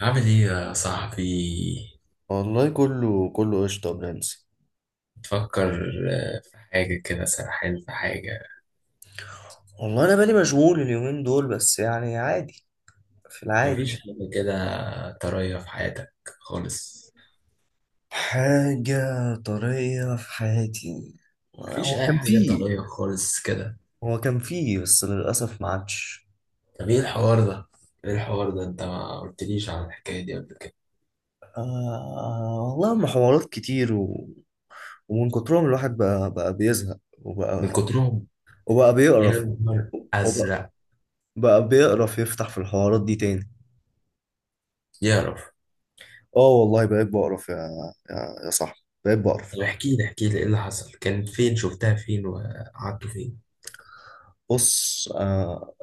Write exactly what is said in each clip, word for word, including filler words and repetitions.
عامل ايه يا صاحبي؟ والله كله كله قشطة يا برنس. تفكر حاجة كده، سرحان في حاجة. والله انا بالي مشغول اليومين دول بس يعني عادي في العادي. مفيش حاجة كده طرية في حياتك خالص؟ حاجة طرية في حياتي؟ هو مفيش أي كان حاجة فيه طرية خالص كده؟ هو كان فيه بس للأسف ما عادش. طب ايه الحوار ده؟ ايه الحوار ده، انت ما قلتليش عن الحكاية دي قبل كده. آه والله هم حوارات كتير. و... ومن كترهم الواحد بقى بقى بيزهق، من وبقى كترهم. وبقى يا بيقرف، نهار وبقى أزرق. بقى بيقرف يفتح في الحوارات دي تاني. يعرف. اه والله بقيت بقرف يا يا, يا صاحبي، بقيت بقرف. طب احكي لي احكي لي ايه اللي حصل، كان فين، شفتها فين، وقعدتوا فين؟ بص. آه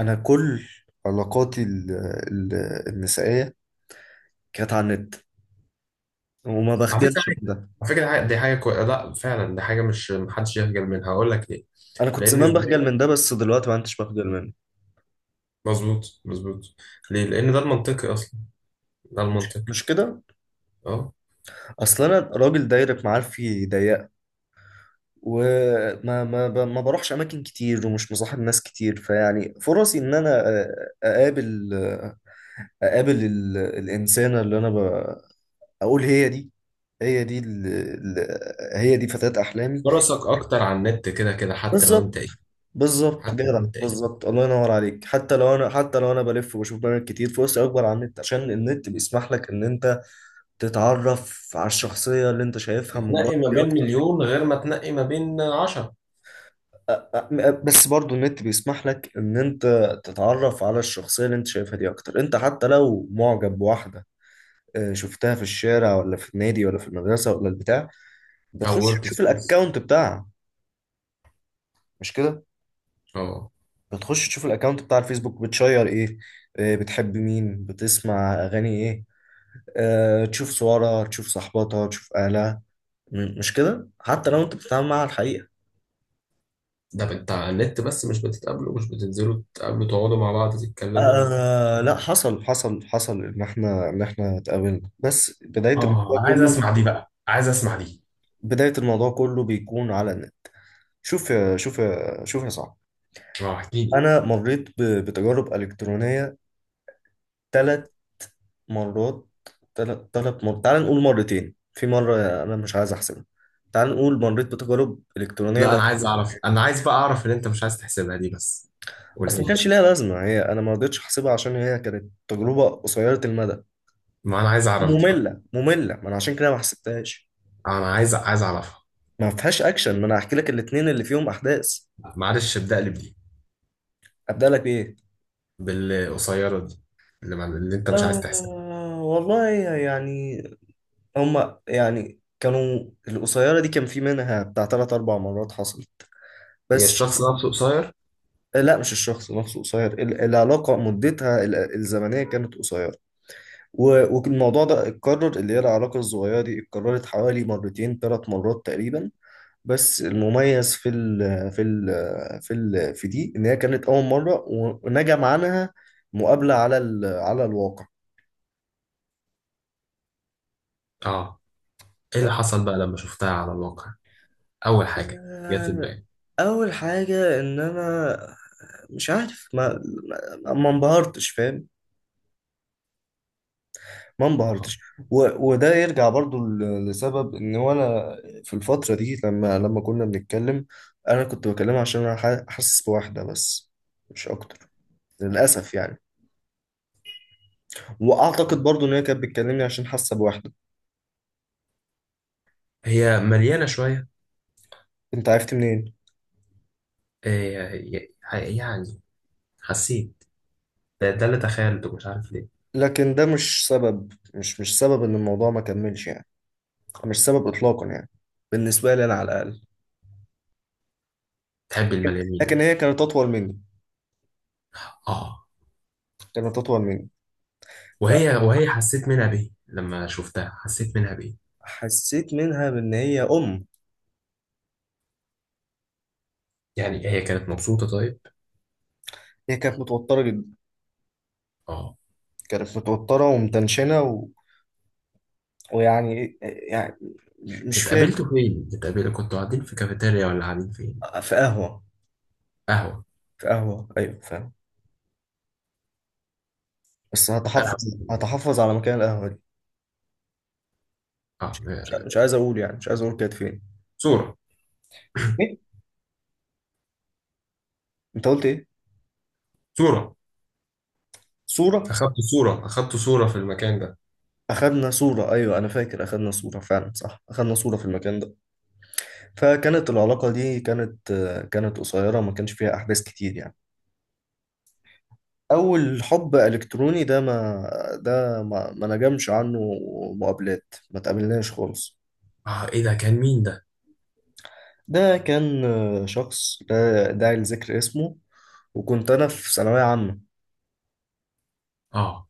انا كل علاقاتي ال- ال- النسائيه كانت على النت، وما على فكرة بخجلش من حاجة ده. على فكرة حاجة- دي حاجة كويسة، لا فعلا دي حاجة مش محدش يخجل منها، هقول لك ليه. انا كنت لأن زمان زمان. بخجل من ده، بس دلوقتي ما عدتش بخجل منه. مظبوط مظبوط. ليه؟ لان ده المنطقي اصلا، ده المنطقي. مش كده؟ اه. اصل انا راجل دايرة معارفي ضيقه، وما ما ب- ما بروحش اماكن كتير، ومش مصاحب ناس كتير، فيعني فرصي ان انا أ- اقابل اقابل ال- الانسانه اللي انا ب- اقول هي دي هي دي ال- ال- هي دي فتاة احلامي. فرصك اكتر على النت كده كده، حتى لو انت بالظبط. ايه، بالظبط حتى جدع، لو انت ايه، بالظبط، الله ينور عليك. حتى لو انا حتى لو انا بلف وبشوف برامج كتير، فرصي اكبر على النت، عشان النت بيسمح لك ان انت تتعرف على الشخصيه اللي انت شايفها من بره تنقي ما بين اكتر. مليون غير ما تنقي ما بين عشرة. أ- أ- بس برضو النت بيسمح لك ان انت تتعرف على الشخصيه اللي انت شايفها دي اكتر. انت حتى لو معجب بواحده، آه، شفتها في الشارع، ولا في النادي، ولا في المدرسه، ولا البتاع، او بتخش ورك تشوف سبيس. الاكونت بتاعها. مش كده؟ اه. بتخش تشوف الاكونت بتاع الفيسبوك بتشير ايه، آه، بتحب مين، بتسمع اغاني ايه، آه، تشوف صورها، تشوف صحباتها، تشوف اهلها. م- مش كده، حتى لو انت بتتعامل معاها على الحقيقة. ده انت على النت بس، مش بتتقابلوا، مش بتنزلوا تقابلوا تقعدوا مع بعض تتكلموا؟ آه لا، حصل حصل حصل ان احنا ان احنا اتقابلنا، بس بداية الموضوع اه انا عايز كله اسمع دي بقى، عايز اسمع دي. بداية الموضوع كله بيكون على النت. شوف يا شوف يا شوف يا صاحبي. اه احكي لي. انا مريت ب- بتجارب الكترونية ثلاث مرات. ثلاث ثلاث مرات. تعال نقول مرتين، في مرة انا مش عايز احسبها. تعال نقول مريت بتجارب الكترونية، لا انا عايز اعرف، انا عايز بقى اعرف ان انت مش عايز تحسبها دي، بس قولها بس ما لي. كانش ليها لازمه، هي انا ما رضيتش احسبها عشان هي كانت تجربه قصيره المدى، ما انا عايز اعرف دي بقى. ممله ممله، ما انا عشان كده ما حسبتهاش. انا عايز عايز اعرفها. ما فيهاش اكشن، ما انا هحكي لك الاثنين اللي فيهم احداث. معلش ابدا لي بدي، ابدا لك بايه؟ بالقصيرة دي، اللي, مع... اللي انت مش عايز تحسبها. آه والله يعني، هما يعني كانوا، القصيره دي كان في منها بتاع ثلاث اربع مرات حصل، هي بس. الشخص نفسه قصير؟ لا مش الشخص نفسه قصير، ال- العلاقه مدتها ال- الزمنيه كانت قصيره. و- والموضوع ده اتكرر، اللي هي العلاقة الصغيرة دي اتكررت حوالي مرتين، ثلاث مرات تقريبا. بس المميز في ال في ال في ال في دي ان هي كانت اول مره، ونجم عنها مقابله على ال على الواقع. اه ايه اللي ف... حصل بقى لما شفتها على الواقع؟ اول حاجة جت في آه، دماغي. اول حاجه ان انا مش عارف، ما ما ما انبهرتش، فاهم؟ ما اه انبهرتش. و... وده يرجع برضو ل- لسبب ان، وانا في الفتره دي، لما لما كنا بنتكلم، انا كنت بكلمها عشان انا ح- حاسس بواحده بس، مش اكتر، للاسف يعني. واعتقد برضو ان هي كانت بتكلمني عشان حاسه بواحده. هي مليانة شوية؟ انت عرفت منين؟ إيه ي- يعني حسيت. ده, ده اللي تخيلته، مش عارف ليه. لكن ده مش سبب، مش مش سبب ان الموضوع ما كملش يعني، مش سبب اطلاقا يعني، بالنسبه لي انا على الاقل. تحب لكن المليانين لكن انت؟ هي كانت اطول مني. اه كانت اطول مني. وهي وهي حسيت منها بيه، لما شفتها حسيت منها بيه. فحسيت منها بان هي ام يعني هي كانت مبسوطة طيب؟ هي كانت متوتره جدا. اه. كانت متوتره ومتنشنه، و... ويعني ايه- يعني مش فاهم. اتقابلتوا فين؟ اتقابلتوا كنتوا قاعدين في كافيتيريا ولا قاعدين فين؟ في قهوه. قهوة. في قهوه، ايوه فاهم. بس قهوة. هتحفظ هتحفظ على مكان القهوه دي، اه. مش مش عايز اقول، يعني مش عايز اقول كانت فين. صورة. ايه؟ انت قلت ايه؟ صورة. صوره؟ اخدت صورة، اخدت صورة في المكان ده. أخدنا صورة، أيوة، أنا فاكر أخدنا صورة فعلا، صح، أخدنا صورة في المكان ده. فكانت العلاقة دي كانت كانت قصيرة، ما كانش فيها أحداث كتير يعني. أول حب إلكتروني ده ما ده ما, ما نجمش عنه، مقابلات، ما تقابلناش خالص. اه ايه ده، كان مين ده؟ ده كان شخص لا داعي لذكر اسمه. وكنت أنا في ثانوية عامة. اه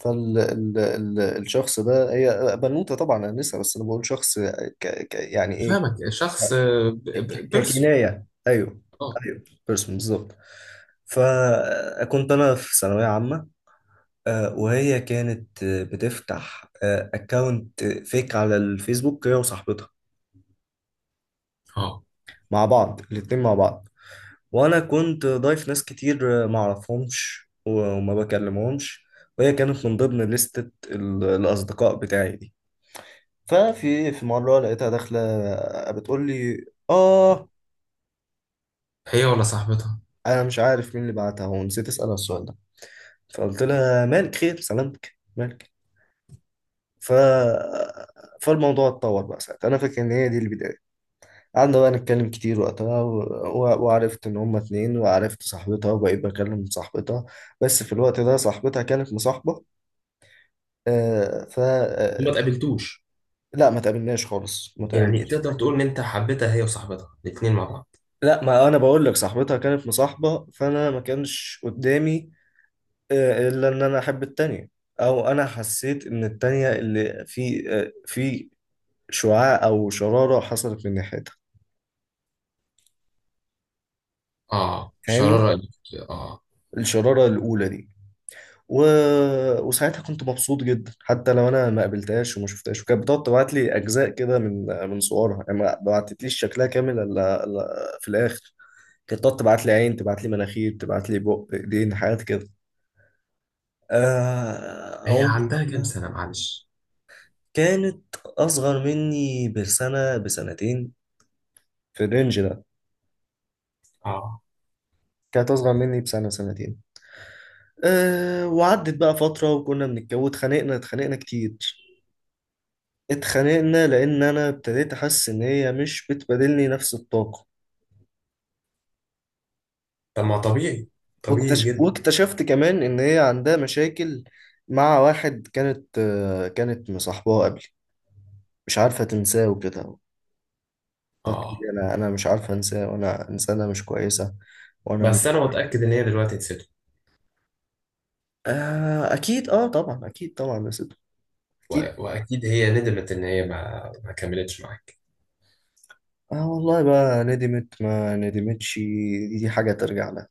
فالشخص ده هي بنوتة طبعا، أنا لسه، بس أنا بقول شخص ك، ك يعني إيه، فاهمك. شخص. بيرسون. ككناية، أيوه. اه. أيوه، بيرسون بالظبط. فكنت أنا في ثانوية عامة. آه، وهي كانت آه، بتفتح أكاونت فيك على الفيسبوك، هي وصاحبتها اه مع بعض، الاتنين مع بعض. وأنا كنت ضايف ناس كتير آه، معرفهمش، و- وما بكلمهمش. وهي كانت من ضمن لستة ال- الأصدقاء بتاعي دي. ففي في مرة لقيتها داخلة بتقول لي آه. هي ولا صاحبتها؟ أنا مش عارف مين اللي بعتها، ونسيت أسألها السؤال ده. فقلت لها مالك، خير، سلامتك، مالك؟ ف فالموضوع اتطور بقى ساعتها، انا فاكر ان هي دي البدايه. قعدنا بقى نتكلم كتير وقتها، و... و... وعرفت ان هما اتنين، وعرفت صاحبتها، وبقيت بكلم صاحبتها. بس في الوقت ده صاحبتها كانت مصاحبه. آه ف ما آه، تقابلتوش؟ لا، ما تقابلناش خالص، ما يعني تقابلناش. تقدر تقول ان انت حبيتها هي وصاحبتها الاثنين مع بعض؟ لا، ما انا بقول لك صاحبتها كانت مصاحبه، فانا ما كانش قدامي، آه، الا ان انا احب التانية، او انا حسيت ان التانية اللي في، آه، في شعاع أو شرارة حصلت من ناحيتها. اه فاهمني؟ شرارة قلبك. اه. الشرارة الأولى دي. و... وساعتها كنت مبسوط جدا، حتى لو أنا ما قابلتهاش وما شفتهاش، وكانت بتقعد تبعت لي أجزاء كده من من صورها، يعني ما بعتتليش شكلها كامل إلا إلا في الآخر. كانت تقعد تبعت لي عين، تبعت لي مناخير، تبعت لي بق، إيدين، حاجات كده. آه... هي أو... عندها كام سنة معلش؟ كانت أصغر مني بسنة، بسنتين، في الرينج ده. اه. كانت أصغر مني بسنة، سنتين. أه، وعدت بقى فترة، وكنا بنتجوز، اتخانقنا اتخانقنا كتير. اتخانقنا لأن أنا ابتديت أحس إن هي مش بتبادلني نفس الطاقة. طب ما طبيعي، طبيعي واكتشف جدا. واكتشفت كمان إن هي عندها مشاكل مع واحد، كانت آه، كانت مصاحباه قبل، مش عارفة تنساه وكده. طب اه أنا، أنا مش عارفة أنساه، وأنا إنسانة مش كويسة، وأنا... بس انا متأكد ان هي دلوقتي نسيته. آه أكيد، أه طبعا، أكيد طبعا يا سيدي، و... أكيد. واكيد هي ندمت ان هي ما ما كملتش معاك. اه والله، بقى ندمت ما ندمتش، دي, دي حاجة ترجع لها.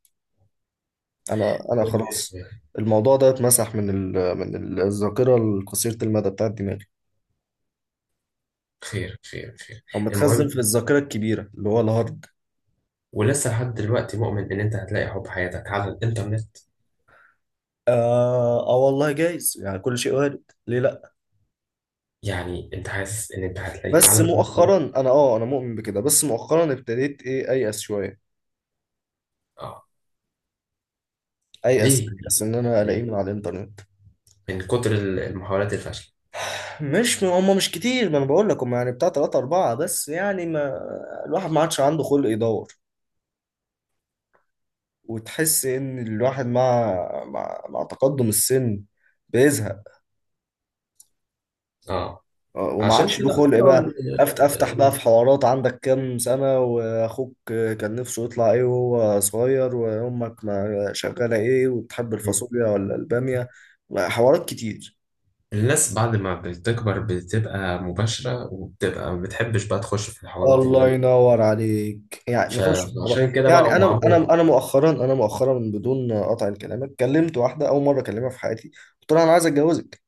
انا انا خلاص. الموضوع ده اتمسح من ال... من ال- الذاكره القصيره المدى بتاعت دماغي، خير خير خير. او متخزن المهم، في الذاكره الكبيره، اللي هو الهارد. ولسه لحد دلوقتي مؤمن ان انت هتلاقي حب حياتك على الانترنت؟ آه، اه والله جايز يعني، كل شيء وارد، ليه لا؟ يعني انت حاسس ان انت هتلاقيه بس على الانترنت؟ مؤخرا انا اه انا مؤمن بكده، بس مؤخرا ابتديت ايه، ايأس شويه، اه. ايأس ليه؟ ايأس ان انا الاقيه ليه؟ من على الانترنت. من كتر ال- المحاولات الفاشله؟ مش هم مش كتير، ما انا بقول لك هم يعني بتاع ثلاثة أربعة بس، يعني ما الواحد ما عادش عنده خلق يدور، وتحس ان الواحد، مع مع, مع تقدم السن بيزهق، اه. آه، وما عشان عادش كده له خلق اخترعوا بقى. ال- أفت افتح بقى ال- في حوارات، عندك كام سنة، واخوك كان نفسه يطلع ايه وهو صغير، وامك ما شغالة ايه، وبتحب ال- الفاصوليا ولا البامية، حوارات كتير. الناس بعد ما بتكبر بتبقى مباشره وبتبقى ما بتحبش بقى تخش في الحوارات اللي الله انت. ينور عليك، يعني نخش في الموضوع. فعشان كده بقى يعني هم انا انا عملوا. انا مؤخرا انا مؤخرا بدون قطع كلامك، كلمت واحده اول مره اكلمها في حياتي، قلت لها انا عايز اتجوزك.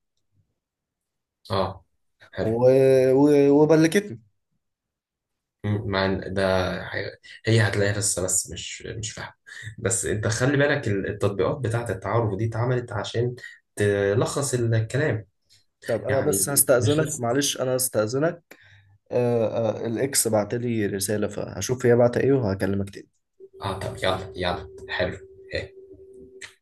اه. حلو. و... و... وبلكتني. مم، مع ال- ده. حاجة-. هي هتلاقيها لسه، بس مش مش فاهمة. بس انت خلي بالك ال- التطبيقات بتاعة التعارف دي اتعملت عشان تلخص الكلام، طب انا يعني بس مش هستأذنك، لسه. معلش انا هستأذنك، آه، آه، الاكس بعت لي رسالة، فهشوف هي بعت ايه، وهكلمك تاني. اه طب يلا يلا حلو.